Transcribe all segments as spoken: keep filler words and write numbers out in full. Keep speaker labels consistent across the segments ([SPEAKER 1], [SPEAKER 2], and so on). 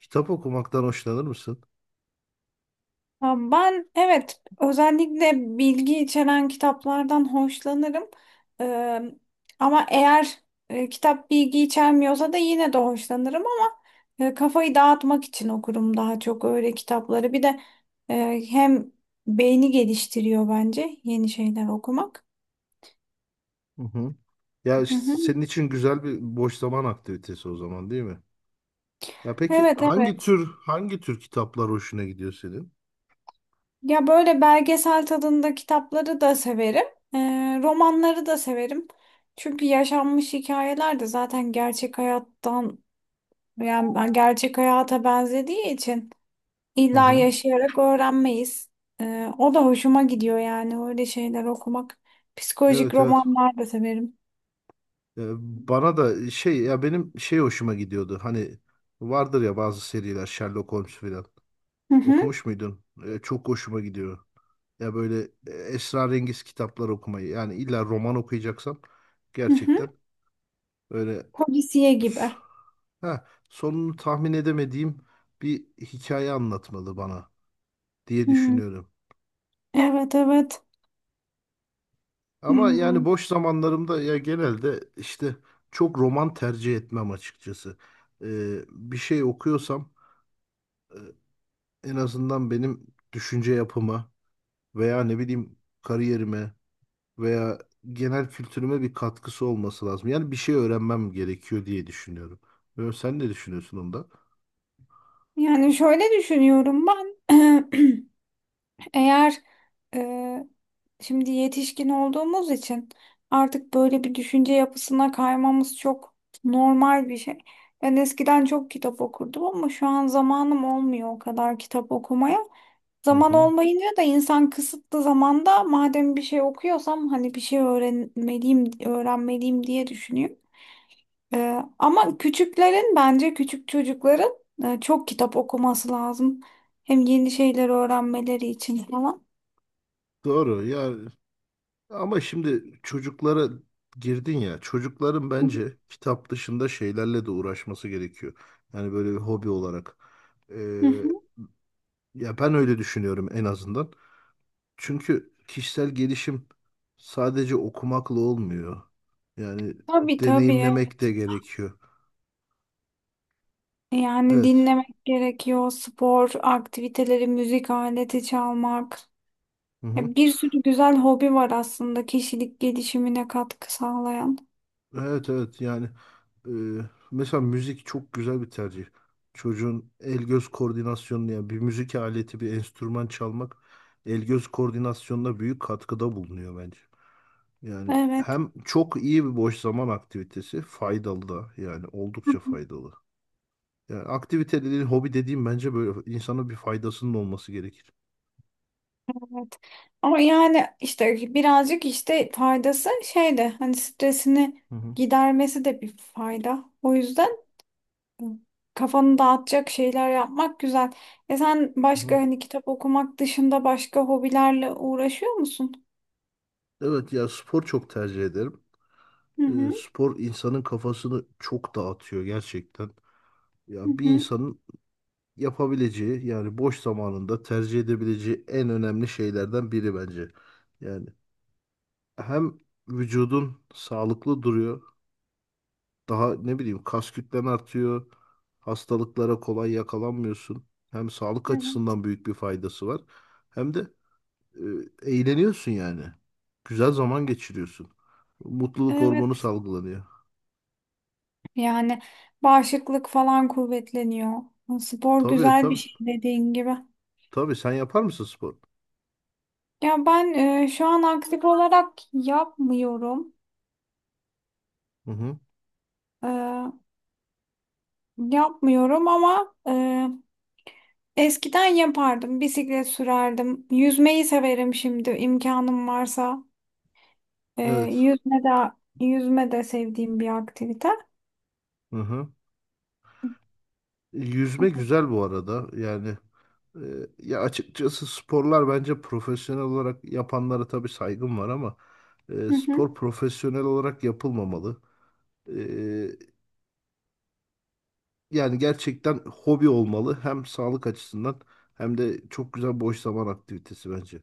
[SPEAKER 1] Kitap okumaktan hoşlanır mısın?
[SPEAKER 2] Ha, ben, evet, özellikle bilgi içeren kitaplardan hoşlanırım. Ee, ama eğer e, kitap bilgi içermiyorsa da yine de hoşlanırım, ama e, kafayı dağıtmak için okurum daha çok öyle kitapları. Bir de e, hem beyni geliştiriyor bence yeni şeyler okumak.
[SPEAKER 1] Hı hı. Ya
[SPEAKER 2] Hı
[SPEAKER 1] işte
[SPEAKER 2] hı.
[SPEAKER 1] senin için güzel bir boş zaman aktivitesi o zaman değil mi? Ya peki
[SPEAKER 2] Evet
[SPEAKER 1] hangi
[SPEAKER 2] evet.
[SPEAKER 1] tür hangi tür kitaplar hoşuna gidiyor senin?
[SPEAKER 2] Ya böyle belgesel tadında kitapları da severim. Ee, romanları da severim. Çünkü yaşanmış hikayeler de zaten gerçek hayattan, yani ben gerçek hayata benzediği için
[SPEAKER 1] Hı
[SPEAKER 2] illa
[SPEAKER 1] hı.
[SPEAKER 2] yaşayarak öğrenmeyiz. Ee, o da hoşuma gidiyor, yani öyle şeyler okumak. Psikolojik
[SPEAKER 1] Evet evet.
[SPEAKER 2] romanlar da severim.
[SPEAKER 1] Ee, Bana da şey ya benim şey hoşuma gidiyordu. Hani vardır ya bazı seriler Sherlock Holmes filan.
[SPEAKER 2] Hı hı,
[SPEAKER 1] Okumuş muydun? Ee, çok hoşuma gidiyor. Ya böyle e, esrarengiz kitaplar okumayı. Yani illa roman okuyacaksam
[SPEAKER 2] hı hı.
[SPEAKER 1] gerçekten öyle.
[SPEAKER 2] Polisiye gibi.
[SPEAKER 1] Ha, sonunu tahmin edemediğim bir hikaye anlatmalı bana diye
[SPEAKER 2] Hı,
[SPEAKER 1] düşünüyorum.
[SPEAKER 2] evet evet.
[SPEAKER 1] Ama yani
[SPEAKER 2] Hmm,
[SPEAKER 1] boş zamanlarımda ya genelde işte çok roman tercih etmem açıkçası. Ee, bir şey okuyorsam e, en azından benim düşünce yapıma veya ne bileyim kariyerime veya genel kültürüme bir katkısı olması lazım. Yani bir şey öğrenmem gerekiyor diye düşünüyorum. Ee, Sen ne düşünüyorsun onda?
[SPEAKER 2] Yani şöyle düşünüyorum ben. Eğer e, Şimdi yetişkin olduğumuz için artık böyle bir düşünce yapısına kaymamız çok normal bir şey. Ben eskiden çok kitap okurdum, ama şu an zamanım olmuyor o kadar kitap okumaya.
[SPEAKER 1] Hı
[SPEAKER 2] Zaman
[SPEAKER 1] hı.
[SPEAKER 2] olmayınca da insan kısıtlı zamanda madem bir şey okuyorsam hani bir şey öğrenmeliyim, öğrenmeliyim diye düşünüyor. Ee, ama küçüklerin, bence küçük çocukların e, çok kitap okuması lazım. Hem yeni şeyler öğrenmeleri için falan.
[SPEAKER 1] Doğru ya, ama şimdi çocuklara girdin ya, çocukların
[SPEAKER 2] Hı hı.
[SPEAKER 1] bence kitap dışında şeylerle de uğraşması gerekiyor. Yani böyle bir hobi olarak.
[SPEAKER 2] Hı
[SPEAKER 1] Ee,
[SPEAKER 2] hı.
[SPEAKER 1] Ya ben öyle düşünüyorum en azından. Çünkü kişisel gelişim sadece okumakla olmuyor. Yani
[SPEAKER 2] Tabii tabii.
[SPEAKER 1] deneyimlemek
[SPEAKER 2] Evet.
[SPEAKER 1] de gerekiyor.
[SPEAKER 2] Yani
[SPEAKER 1] Evet.
[SPEAKER 2] dinlemek gerekiyor, spor, aktiviteleri, müzik aleti çalmak.
[SPEAKER 1] Hı hı.
[SPEAKER 2] Ya bir sürü güzel hobi var aslında kişilik gelişimine katkı sağlayan.
[SPEAKER 1] Evet evet, yani e, mesela müzik çok güzel bir tercih. Çocuğun el göz koordinasyonunu, yani bir müzik aleti, bir enstrüman çalmak el göz koordinasyonuna büyük katkıda bulunuyor bence. Yani
[SPEAKER 2] Evet,
[SPEAKER 1] hem çok iyi bir boş zaman aktivitesi, faydalı da, yani oldukça faydalı. Yani aktivite dediğin, hobi dediğim bence böyle insana bir faydasının olması gerekir.
[SPEAKER 2] evet. Ama yani işte birazcık işte faydası şey de hani stresini
[SPEAKER 1] Hı hı,
[SPEAKER 2] gidermesi de bir fayda. O yüzden kafanı dağıtacak şeyler yapmak güzel. E sen
[SPEAKER 1] hı
[SPEAKER 2] başka
[SPEAKER 1] hı.
[SPEAKER 2] hani kitap okumak dışında başka hobilerle uğraşıyor musun?
[SPEAKER 1] Evet, ya spor çok tercih ederim.
[SPEAKER 2] Hı
[SPEAKER 1] Ee,
[SPEAKER 2] hı.
[SPEAKER 1] spor insanın kafasını çok dağıtıyor gerçekten.
[SPEAKER 2] Hı
[SPEAKER 1] Ya bir
[SPEAKER 2] hı.
[SPEAKER 1] insanın yapabileceği, yani boş zamanında tercih edebileceği en önemli şeylerden biri bence. Yani hem vücudun sağlıklı duruyor. Daha ne bileyim, kas kütlen artıyor. Hastalıklara kolay yakalanmıyorsun. Hem sağlık
[SPEAKER 2] Evet.
[SPEAKER 1] açısından büyük bir faydası var. Hem de e, eğleniyorsun yani. Güzel zaman geçiriyorsun. Mutluluk hormonu
[SPEAKER 2] Evet,
[SPEAKER 1] salgılanıyor.
[SPEAKER 2] yani bağışıklık falan kuvvetleniyor. Spor
[SPEAKER 1] Tabii
[SPEAKER 2] güzel bir
[SPEAKER 1] tabii.
[SPEAKER 2] şey, dediğin gibi.
[SPEAKER 1] Tabii, sen yapar mısın spor?
[SPEAKER 2] Ya ben e, şu an aktif olarak yapmıyorum.
[SPEAKER 1] Hı hı.
[SPEAKER 2] E, yapmıyorum, ama e, eskiden yapardım. Bisiklet sürerdim. Yüzmeyi severim, şimdi imkanım varsa. E,
[SPEAKER 1] Evet.
[SPEAKER 2] yüzme de, yüzme de sevdiğim bir aktivite.
[SPEAKER 1] Hı hı. Yüzme güzel bu arada. Yani e, ya açıkçası sporlar, bence profesyonel olarak yapanlara tabii saygım var ama e,
[SPEAKER 2] Hı
[SPEAKER 1] spor profesyonel olarak yapılmamalı. E, yani gerçekten hobi olmalı. Hem sağlık açısından hem de çok güzel boş zaman aktivitesi bence.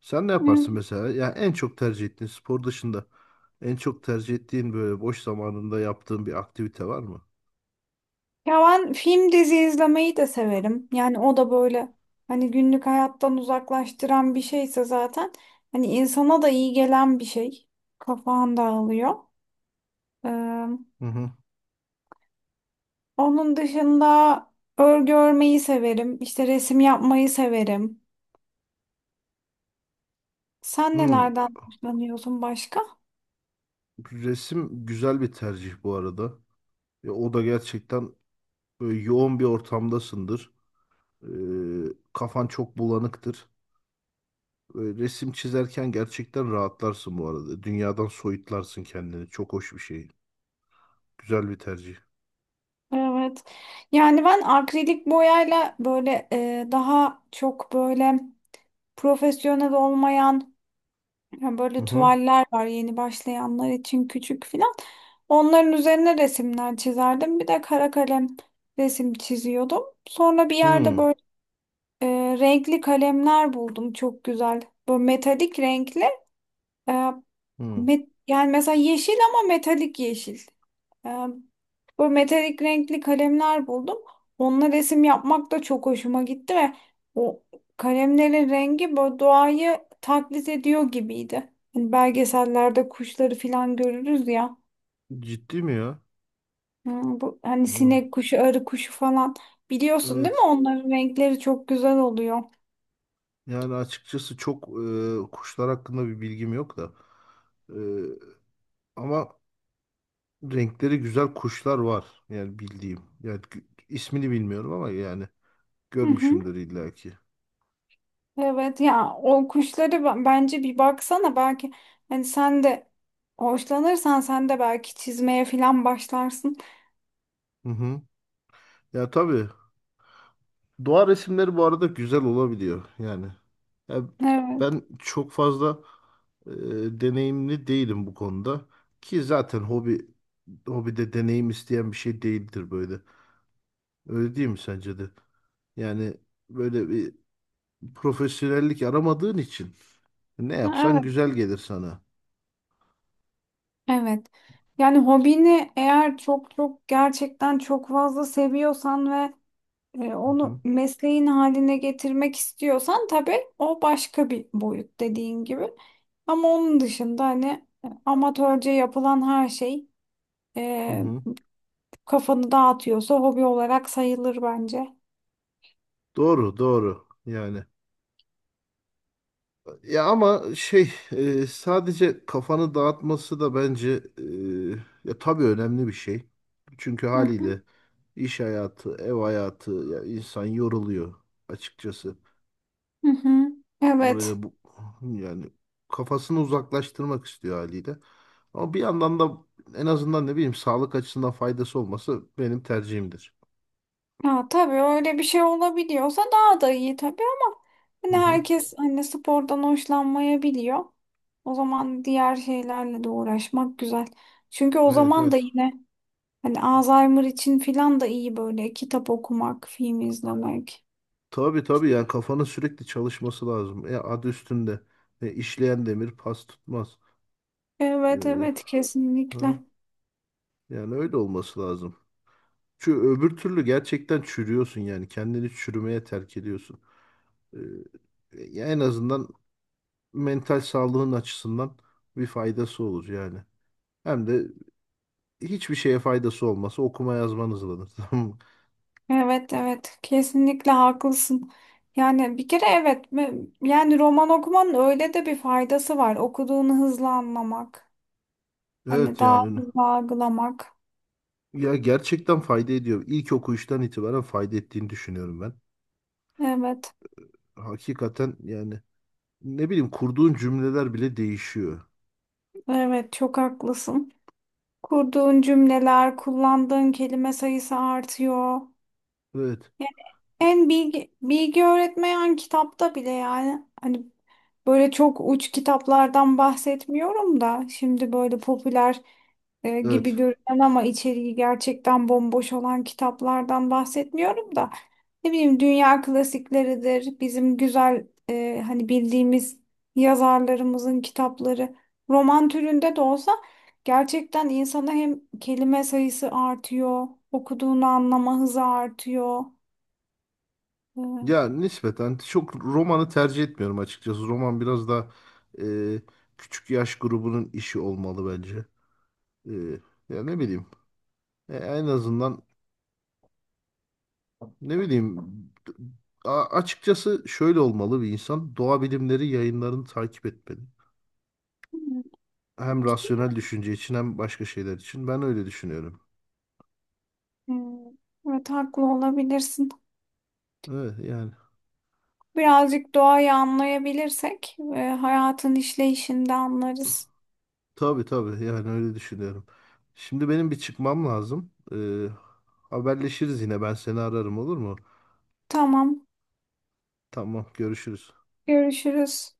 [SPEAKER 1] Sen ne
[SPEAKER 2] hı.
[SPEAKER 1] yaparsın mesela? Ya en çok tercih ettiğin, spor dışında en çok tercih ettiğin böyle boş zamanında yaptığın bir aktivite var mı?
[SPEAKER 2] Ya ben film, dizi izlemeyi de severim. Yani o da böyle, hani günlük hayattan uzaklaştıran bir şeyse zaten hani insana da iyi gelen bir şey. Kafan dağılıyor. Ee,
[SPEAKER 1] Hı hı.
[SPEAKER 2] onun dışında örgü örmeyi severim. İşte resim yapmayı severim. Sen
[SPEAKER 1] Hmm,
[SPEAKER 2] nelerden hoşlanıyorsun başka?
[SPEAKER 1] resim güzel bir tercih bu arada. Ya o da gerçekten böyle yoğun bir ortamdasındır. Ee, Kafan çok bulanıktır. Böyle resim çizerken gerçekten rahatlarsın bu arada. Dünyadan soyutlarsın kendini. Çok hoş bir şey. Güzel bir tercih.
[SPEAKER 2] Evet. Yani ben akrilik boyayla böyle e, daha çok böyle profesyonel olmayan. Ya
[SPEAKER 1] Hı
[SPEAKER 2] böyle
[SPEAKER 1] hı.
[SPEAKER 2] tuvaller var yeni başlayanlar için küçük filan. Onların üzerine resimler çizerdim. Bir de kara kalem resim çiziyordum. Sonra bir yerde
[SPEAKER 1] Hı
[SPEAKER 2] böyle e, renkli kalemler buldum, çok güzel. Böyle metalik renkli. E,
[SPEAKER 1] hı.
[SPEAKER 2] met- yani mesela yeşil, ama metalik yeşil. Ee, Böyle metalik renkli kalemler buldum. Onunla resim yapmak da çok hoşuma gitti ve o kalemlerin rengi böyle doğayı taklit ediyor gibiydi. Hani belgesellerde kuşları falan görürüz ya.
[SPEAKER 1] Ciddi mi ya?
[SPEAKER 2] Hmm, Bu, hani
[SPEAKER 1] Hı.
[SPEAKER 2] sinek kuşu, arı kuşu falan. Biliyorsun değil mi?
[SPEAKER 1] Evet.
[SPEAKER 2] Onların renkleri çok güzel oluyor.
[SPEAKER 1] Yani açıkçası çok e, kuşlar hakkında bir bilgim yok da. E, ama renkleri güzel kuşlar var. Yani bildiğim. Yani gü- ismini bilmiyorum ama yani
[SPEAKER 2] Hı hı.
[SPEAKER 1] görmüşümdür illaki.
[SPEAKER 2] Evet, ya o kuşları ben- bence bir baksana, belki hani sen de hoşlanırsan sen de belki çizmeye falan başlarsın.
[SPEAKER 1] Hı hı. Ya tabii. Doğa resimleri bu arada güzel olabiliyor yani. Ya
[SPEAKER 2] Evet.
[SPEAKER 1] ben çok fazla e, deneyimli değilim bu konuda. Ki zaten hobi, hobide deneyim isteyen bir şey değildir böyle. Öyle değil mi sence de? Yani böyle bir profesyonellik aramadığın için ne yapsan
[SPEAKER 2] Evet.
[SPEAKER 1] güzel gelir sana.
[SPEAKER 2] Evet. Yani hobini eğer çok çok, gerçekten çok fazla seviyorsan ve e,
[SPEAKER 1] Hı
[SPEAKER 2] onu
[SPEAKER 1] hı.
[SPEAKER 2] mesleğin haline getirmek istiyorsan, tabii o başka bir boyut, dediğin gibi. Ama onun dışında hani e, amatörce yapılan her şey
[SPEAKER 1] Hı
[SPEAKER 2] e,
[SPEAKER 1] hı.
[SPEAKER 2] kafanı dağıtıyorsa hobi olarak sayılır bence.
[SPEAKER 1] Doğru, doğru. Yani, ya ama şey, e, sadece kafanı dağıtması da bence e, ya tabii önemli bir şey. Çünkü
[SPEAKER 2] Hı hı.
[SPEAKER 1] haliyle iş hayatı, ev hayatı, ya insan yoruluyor açıkçası.
[SPEAKER 2] Hı hı. Evet.
[SPEAKER 1] Böyle bu, yani kafasını uzaklaştırmak istiyor haliyle. Ama bir yandan da en azından ne bileyim sağlık açısından faydası olması benim tercihimdir.
[SPEAKER 2] Ha, tabii öyle bir şey olabiliyorsa daha da iyi tabii, ama
[SPEAKER 1] Hı
[SPEAKER 2] hani
[SPEAKER 1] hı.
[SPEAKER 2] herkes hani spordan hoşlanmayabiliyor. O zaman diğer şeylerle de uğraşmak güzel. Çünkü o
[SPEAKER 1] Evet
[SPEAKER 2] zaman
[SPEAKER 1] evet.
[SPEAKER 2] da yine hani Alzheimer için filan da iyi böyle kitap okumak, film izlemek.
[SPEAKER 1] Tabii tabii, yani kafanın sürekli çalışması lazım. E, adı üstünde. E, işleyen demir pas tutmaz.
[SPEAKER 2] Evet
[SPEAKER 1] Ee,
[SPEAKER 2] evet,
[SPEAKER 1] ha,
[SPEAKER 2] kesinlikle.
[SPEAKER 1] yani öyle olması lazım. Çünkü öbür türlü gerçekten çürüyorsun, yani kendini çürümeye terk ediyorsun. Ee, ya en azından mental sağlığın açısından bir faydası olur yani. Hem de hiçbir şeye faydası olmasa okuma yazman hızlanır. Tamam mı?
[SPEAKER 2] Evet evet, kesinlikle haklısın. Yani bir kere evet, me- yani roman okumanın öyle de bir faydası var. Okuduğunu hızlı anlamak. Hani
[SPEAKER 1] Evet
[SPEAKER 2] daha
[SPEAKER 1] yani,
[SPEAKER 2] hızlı algılamak.
[SPEAKER 1] ya gerçekten fayda ediyor. İlk okuyuştan itibaren fayda ettiğini düşünüyorum ben.
[SPEAKER 2] Evet,
[SPEAKER 1] Hakikaten yani, ne bileyim, kurduğun cümleler bile değişiyor.
[SPEAKER 2] evet çok haklısın. Kurduğun cümleler, kullandığın kelime sayısı artıyor.
[SPEAKER 1] Evet.
[SPEAKER 2] Yani en bilgi, bilgi öğretmeyen kitapta bile, yani hani böyle çok uç kitaplardan bahsetmiyorum da, şimdi böyle popüler e, gibi
[SPEAKER 1] Evet.
[SPEAKER 2] görünen ama içeriği gerçekten bomboş olan kitaplardan bahsetmiyorum da, ne bileyim dünya klasikleridir, bizim güzel e, hani bildiğimiz yazarlarımızın kitapları, roman türünde de olsa, gerçekten insana hem kelime sayısı artıyor, okuduğunu anlama hızı artıyor. E,
[SPEAKER 1] Ya nispeten çok romanı tercih etmiyorum açıkçası. Roman biraz daha e, küçük yaş grubunun işi olmalı bence. E, ya ne bileyim. E, en azından ne bileyim. A- açıkçası şöyle olmalı bir insan. Doğa bilimleri yayınlarını takip etmeli. Hem rasyonel düşünce için hem başka şeyler için. Ben öyle düşünüyorum.
[SPEAKER 2] Hmm, Evet, haklı olabilirsin.
[SPEAKER 1] Evet yani.
[SPEAKER 2] Birazcık doğayı anlayabilirsek e, hayatın işleyişini de anlarız.
[SPEAKER 1] Tabii tabii, yani öyle düşünüyorum. Şimdi benim bir çıkmam lazım. E, haberleşiriz yine. Ben seni ararım, olur mu?
[SPEAKER 2] Tamam.
[SPEAKER 1] Tamam, görüşürüz.
[SPEAKER 2] Görüşürüz.